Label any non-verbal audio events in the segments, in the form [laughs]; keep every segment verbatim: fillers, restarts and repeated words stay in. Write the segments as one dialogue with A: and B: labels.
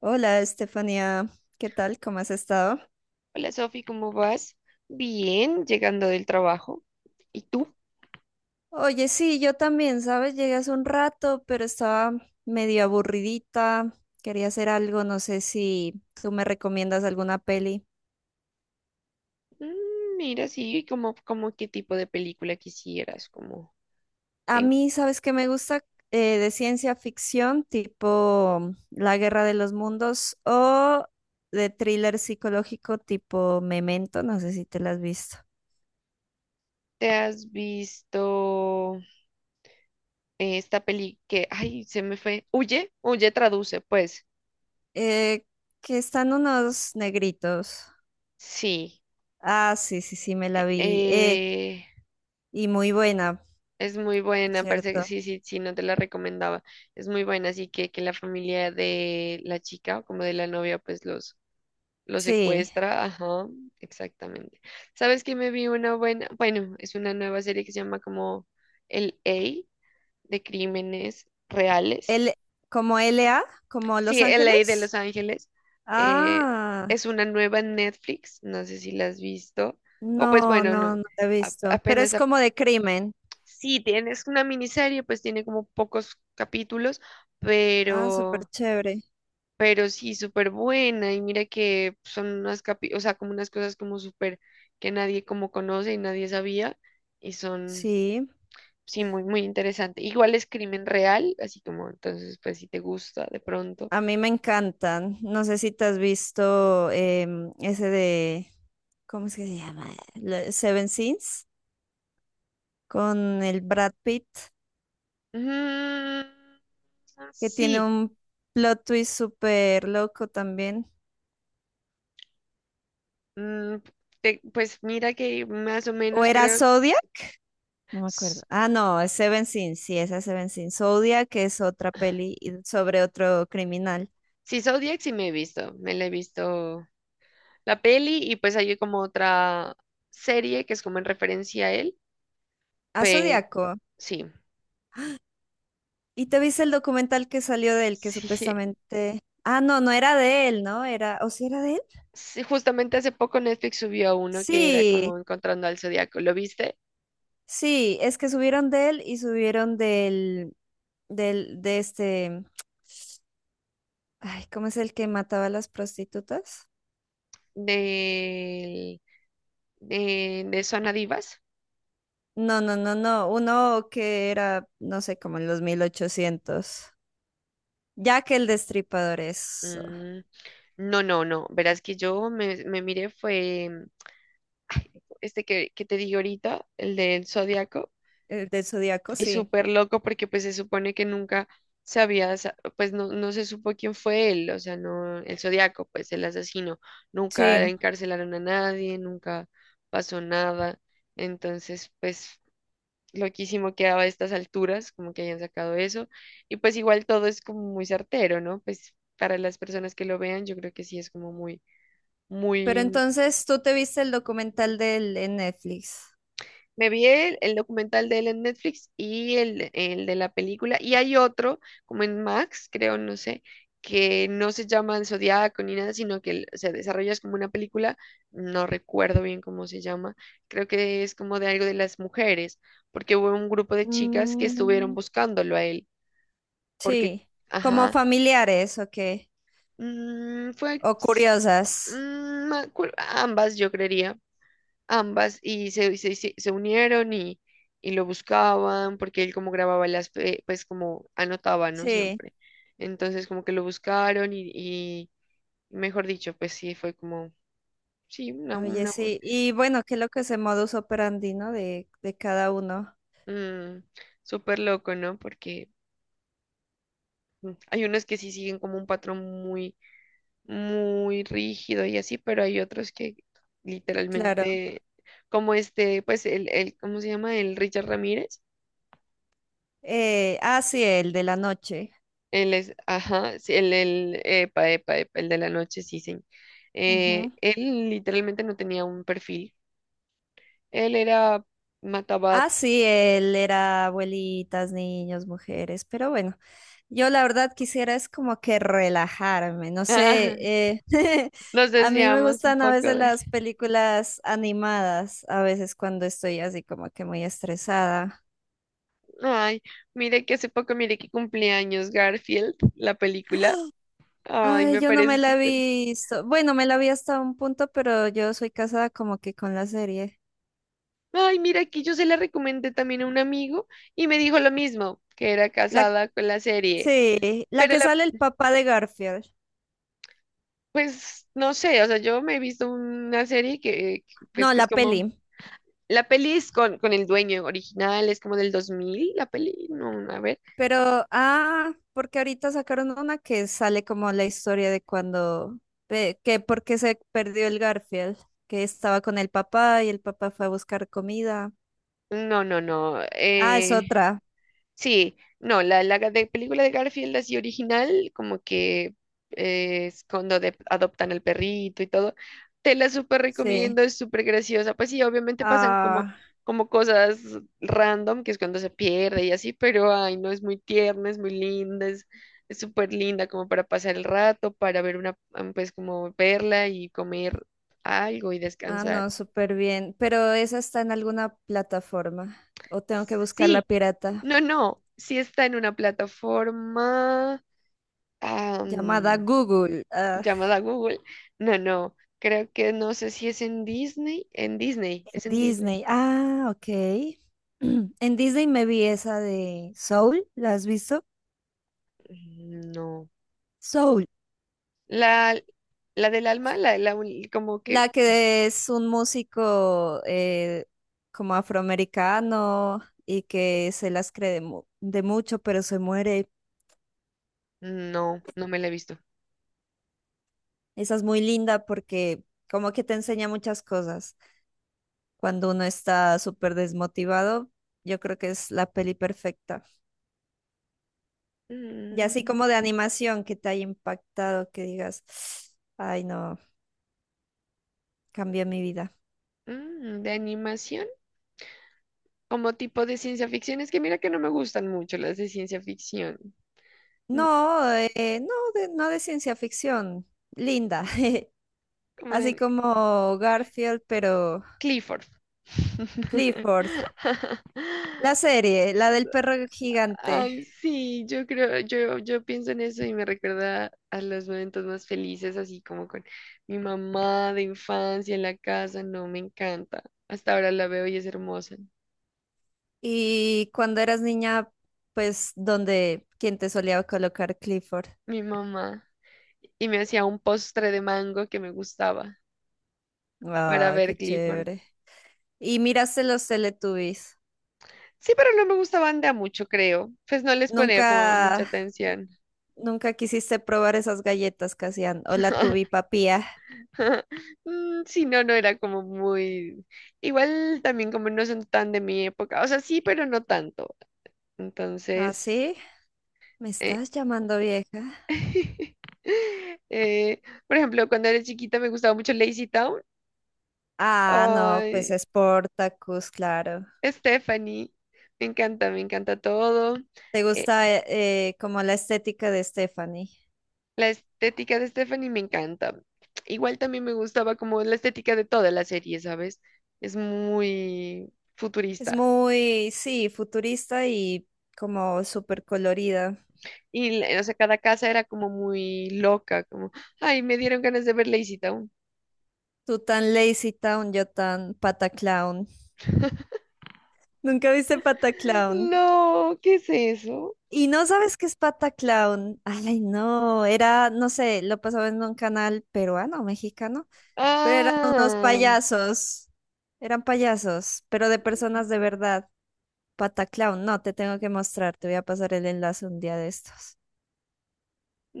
A: Hola, Estefanía, ¿qué tal? ¿Cómo has estado?
B: Hola Sofi, ¿cómo vas? Bien, llegando del trabajo. ¿Y tú?
A: Oye, sí, yo también, ¿sabes? Llegué hace un rato, pero estaba medio aburridita, quería hacer algo, no sé si tú me recomiendas alguna peli.
B: Mm, mira, sí, como, como qué tipo de película quisieras, como
A: A
B: en-
A: mí, ¿sabes qué me gusta? Eh, de ciencia ficción, tipo La Guerra de los Mundos o de thriller psicológico tipo Memento, no sé si te la has visto.
B: ¿te has visto esta peli que, ay, se me fue, Huye, Huye traduce, pues,
A: Eh, que están unos negritos.
B: sí,
A: Ah, sí, sí, sí, me la vi. Eh,
B: eh,
A: Y muy buena,
B: es muy buena, parece que
A: ¿cierto?
B: sí, sí, sí, no te la recomendaba, es muy buena, así que que la familia de la chica o como de la novia, pues los lo
A: Sí.
B: secuestra, ajá, exactamente. ¿Sabes que me vi una buena? Bueno, es una nueva serie que se llama como El A de Crímenes Reales.
A: L, como L A, como
B: Sí,
A: Los
B: El A de
A: Ángeles.
B: Los Ángeles. eh,
A: Ah,
B: es una nueva en Netflix, no sé si la has visto. O pues
A: no,
B: bueno,
A: no,
B: no.
A: no la he
B: a-
A: visto. Pero
B: apenas,
A: es
B: a-
A: como de crimen.
B: sí, tienes una miniserie, pues tiene como pocos capítulos,
A: Ah, súper
B: pero...
A: chévere.
B: pero sí, súper buena. Y mira que son unas capi, o sea, como unas cosas como súper que nadie como conoce y nadie sabía. Y son,
A: Sí.
B: sí, muy, muy interesante. Igual es crimen real, así como entonces, pues si te gusta de pronto.
A: A mí me encantan. No sé si te has visto em, ese de, ¿cómo es que se llama? La- Seven Sins, con el Brad Pitt,
B: Mm,
A: que tiene
B: sí,
A: un plot twist súper loco también.
B: mm, te- pues mira que más o
A: ¿O
B: menos
A: era
B: creo.
A: Zodiac? No me acuerdo.
B: s-
A: Ah, no, es Seven Sin, sí, esa es Seven Sin. Zodiac es otra peli y- sobre otro criminal.
B: Sí, Zodiac sí me he visto, me la he visto la peli y pues hay como otra serie que es como en referencia a él,
A: Ah,
B: pero
A: Zodiaco.
B: sí.
A: ¿Y te viste el documental que salió de él, que
B: Sí,
A: supuestamente... Ah, no, no era de él, ¿no? Era... ¿O sí era de él?
B: sí, justamente hace poco Netflix subió uno que era
A: Sí,
B: como Encontrando al Zodiaco. ¿Lo viste?
A: sí, es que subieron de él y subieron del... del... de este... Ay, ¿cómo es el que mataba a las prostitutas?
B: De, de, de Zona Divas.
A: No, no, no, no, uno que era, no sé, como en los mil ochocientos. Jack el Destripador es
B: Mm, no, no, no. Verás que yo me, me miré fue mm, este que, que te digo ahorita, el del Zodiaco,
A: el del Zodíaco,
B: y
A: sí.
B: súper loco porque pues se supone que nunca sabía, sa- pues no, no se supo quién fue él, o sea, no, el Zodiaco, pues el asesino. Nunca
A: Sí.
B: encarcelaron a nadie, nunca pasó nada. Entonces, pues loquísimo quedaba a estas alturas, como que hayan sacado eso. Y pues igual todo es como muy certero, ¿no? Pues para las personas que lo vean, yo creo que sí es como muy,
A: Pero
B: muy...
A: entonces tú te viste el documental del en Netflix.
B: Me vi el, el documental de él en Netflix y el, el de la película. Y hay otro, como en Max, creo, no sé, que no se llama El Zodiaco ni nada, sino que el- se desarrolla es como una película, no recuerdo bien cómo se llama, creo que es como de algo de las mujeres, porque hubo un grupo de chicas que estuvieron
A: Mm,
B: buscándolo a él porque,
A: sí. ¿Como
B: ajá,
A: familiares, o qué?
B: mm, fue
A: O
B: s-
A: curiosas.
B: mm, me acuer- ambas, yo creería, ambas, y se, se, se- se unieron y, y lo buscaban, porque él como grababa las, pe- pues como anotaba, ¿no?
A: Sí.
B: Siempre. Entonces como que lo buscaron y, y mejor dicho, pues sí, fue como, sí, una,
A: Oye,
B: una, bu-
A: sí. Y bueno, qué loco ese modus operandi, ¿no? De, de cada uno.
B: mm, súper loco, ¿no? Porque mm, hay unos que sí siguen como un patrón muy muy rígido y así, pero hay otros que
A: Claro.
B: literalmente, como este, pues el, el ¿cómo se llama? El Richard Ramírez,
A: Eh, ah, sí, el de la noche.
B: él es, ajá, sí, el, el, epa, epa, epa, el de la noche, sí, sí. Eh,
A: Ujú.
B: él literalmente no tenía un perfil, él era matabat.
A: Ah, sí, él era abuelitas, niños, mujeres, pero bueno, yo la verdad quisiera es como que relajarme, no sé,
B: [laughs]
A: eh, [laughs]
B: Nos
A: a mí me
B: desviamos un
A: gustan a
B: poco
A: veces
B: de él.
A: las películas animadas, a veces cuando estoy así como que muy estresada.
B: Ay, mire que hace poco, mire que cumpleaños Garfield, la película. Ay,
A: Ay,
B: me
A: yo no me
B: parece
A: la he
B: súper.
A: visto, bueno, me la vi hasta un punto, pero yo soy casada como que con la serie.
B: Ay, mira, aquí yo se la recomendé también a un amigo y me dijo lo mismo, que era
A: La,
B: casada con la serie.
A: sí, la
B: Pero
A: que
B: la,
A: sale el papá de Garfield,
B: pues, no sé, o sea, yo me he visto una serie que, que, pues,
A: no,
B: que
A: la
B: es como...
A: peli.
B: La peli es con, con el dueño original, es como del dos mil la peli, no, a ver.
A: Pero, ah, porque ahorita sacaron una que sale como la historia de cuando, de- que porque se perdió el Garfield, que estaba con el papá y el papá fue a buscar comida.
B: No, no, no.
A: Ah, es
B: eh,
A: otra,
B: Sí, no, la, la de película de Garfield así original, como que eh, es cuando de- adoptan al perrito y todo, te la súper
A: sí.
B: recomiendo, es súper graciosa. Pues sí, obviamente pasan como,
A: Ah,
B: como cosas random, que es cuando se pierde y así, pero ay, no, es muy tierna, es muy linda, es es súper linda como para pasar el rato, para ver una, am, pues como verla y comer algo y
A: ah,
B: descansar.
A: no, súper bien. Pero esa está en alguna plataforma o tengo que buscar la
B: Sí,
A: pirata
B: no, no, sí está en una plataforma.
A: llamada
B: Am,
A: Google, ah,
B: llamada Google. No, no, creo que no sé si es en Disney. En Disney, es en Disney.
A: Disney. Ah, ok. [clears throat] En Disney me vi esa de Soul, ¿la has visto?
B: Mm, no.
A: Soul.
B: La, la del alma, la, de la uni- como que
A: La que es un músico eh, como afroamericano y que se las cree de, mu- de mucho, pero se muere.
B: no, no me la he visto.
A: Esa es muy linda porque como que te enseña muchas cosas. Cuando uno está súper desmotivado, yo creo que es la peli perfecta. Y así
B: Mm,
A: como de animación que te haya impactado, que digas, ay no, cambió mi vida.
B: mm, de animación, como tipo de ciencia ficción. Es que mira que no me gustan mucho las de ciencia ficción. Mm,
A: No, eh, no, de, no de ciencia ficción, linda. [laughs]
B: como
A: Así
B: de
A: como Garfield, pero
B: Clifford.
A: Clifford,
B: [laughs]
A: la serie, la del perro gigante.
B: Ay, sí, yo creo, yo, yo pienso en eso y me recuerda a los momentos más felices, así como con mi mamá de infancia en la casa, no, me encanta. Hasta ahora la veo y es hermosa,
A: Y cuando eras niña, pues, dónde quién te solía colocar Clifford.
B: mi mamá. Y me hacía un postre de mango que me gustaba para
A: Ah,
B: ver
A: qué
B: Clifford.
A: chévere. Y miraste los Teletubbies.
B: Sí, pero no me gustaban de a mucho, creo. Pues no les ponía como
A: Nunca,
B: mucha atención.
A: nunca quisiste probar esas galletas que hacían. O la tubi
B: [laughs]
A: papía.
B: Mm, sí, no, no era como muy... Igual también como no son tan de mi época. O sea, sí, pero no tanto.
A: ¿Ah,
B: Entonces,
A: sí? ¿Me
B: eh,
A: estás llamando vieja?
B: [laughs] eh, por ejemplo, cuando era chiquita me gustaba mucho Lazy Town.
A: Ah, no, pues
B: Ay,
A: es Portacus, claro.
B: Stephanie, me encanta, me encanta todo.
A: ¿Te
B: Eh,
A: gusta eh, eh, como la estética de Stephanie?
B: la estética de Stephanie me encanta. Igual también me gustaba como la estética de toda la serie, ¿sabes? Es muy
A: Es
B: futurista.
A: muy, sí, futurista y como súper colorida.
B: Y, la- o sea, cada casa era como muy loca, como, ay, me dieron ganas de ver Lazy Town.
A: Tú tan Lazy Town, yo tan Pataclown. ¿Nunca viste Pataclown?
B: No, ¿qué es eso?
A: ¿Y no sabes qué es Pataclown? Ay, no, era, no sé, lo pasaba en un canal peruano, mexicano, pero eran unos
B: Ah.
A: payasos. Eran payasos, pero de personas de verdad. Pataclown, no, te tengo que mostrar, te voy a pasar el enlace un día de estos.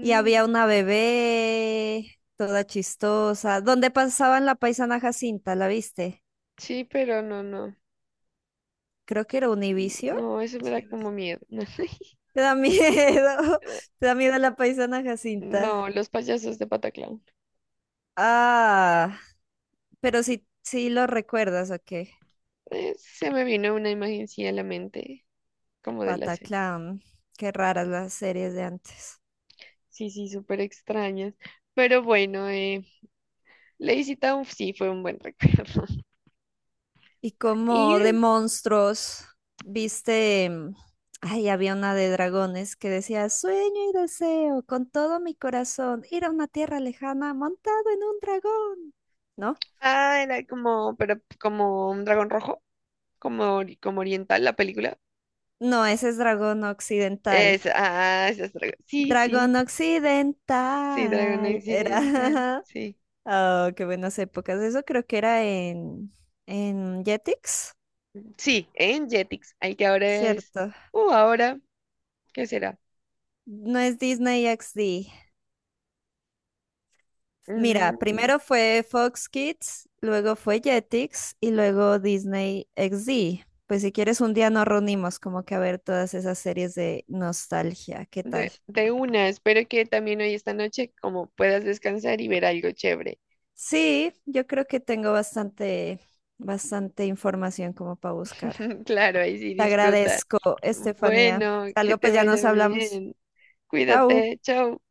A: Y había una bebé, toda chistosa. ¿Dónde pasaban la paisana Jacinta? ¿La viste?
B: sí, pero no, no.
A: Creo que era Univicio.
B: No, eso me da como miedo. [laughs]
A: [laughs] Te da miedo.
B: Eh,
A: [laughs] Te da miedo la paisana
B: No,
A: Jacinta.
B: los payasos de Pataclown.
A: Ah, pero sí, sí lo recuerdas, ¿o qué?
B: Eh, se me vino una imagen sí a la mente, como de la serie.
A: Pataclan. Qué raras las series de antes.
B: Sí, sí, súper extrañas. Pero bueno, eh, Lazy Town sí fue un buen recuerdo. [laughs]
A: Y como de
B: Y,
A: monstruos, viste, mm, ay, había una de dragones que decía, sueño y deseo con todo mi corazón ir a una tierra lejana montado en un dragón, ¿no?
B: ah, era como, pero como un dragón rojo, como, ori- como oriental la película.
A: No, ese es dragón occidental.
B: Es, ah, esa es dra- Sí, sí,
A: Dragón
B: sí, dragón
A: occidental.
B: occidental,
A: Era,
B: sí.
A: [laughs] oh, qué buenas épocas. Eso creo que era en, en Jetix,
B: Sí, en Jetix, hay que ahora es,
A: ¿cierto?
B: uh, ahora, ¿qué será?
A: No, es Disney X D. Mira,
B: Mm,
A: primero fue Fox Kids, luego fue Jetix y luego Disney X D. Pues si quieres un día nos reunimos como que a ver todas esas series de nostalgia, ¿qué tal?
B: de, de una, espero que también hoy esta noche como puedas descansar y ver algo chévere.
A: Sí, yo creo que tengo bastante, bastante información como para buscar.
B: [laughs] Claro, ahí sí
A: Te
B: disfruta.
A: agradezco, Estefanía.
B: Bueno, que
A: Algo
B: te
A: pues ya nos
B: vaya
A: hablamos.
B: bien.
A: Chao.
B: Cuídate, chao.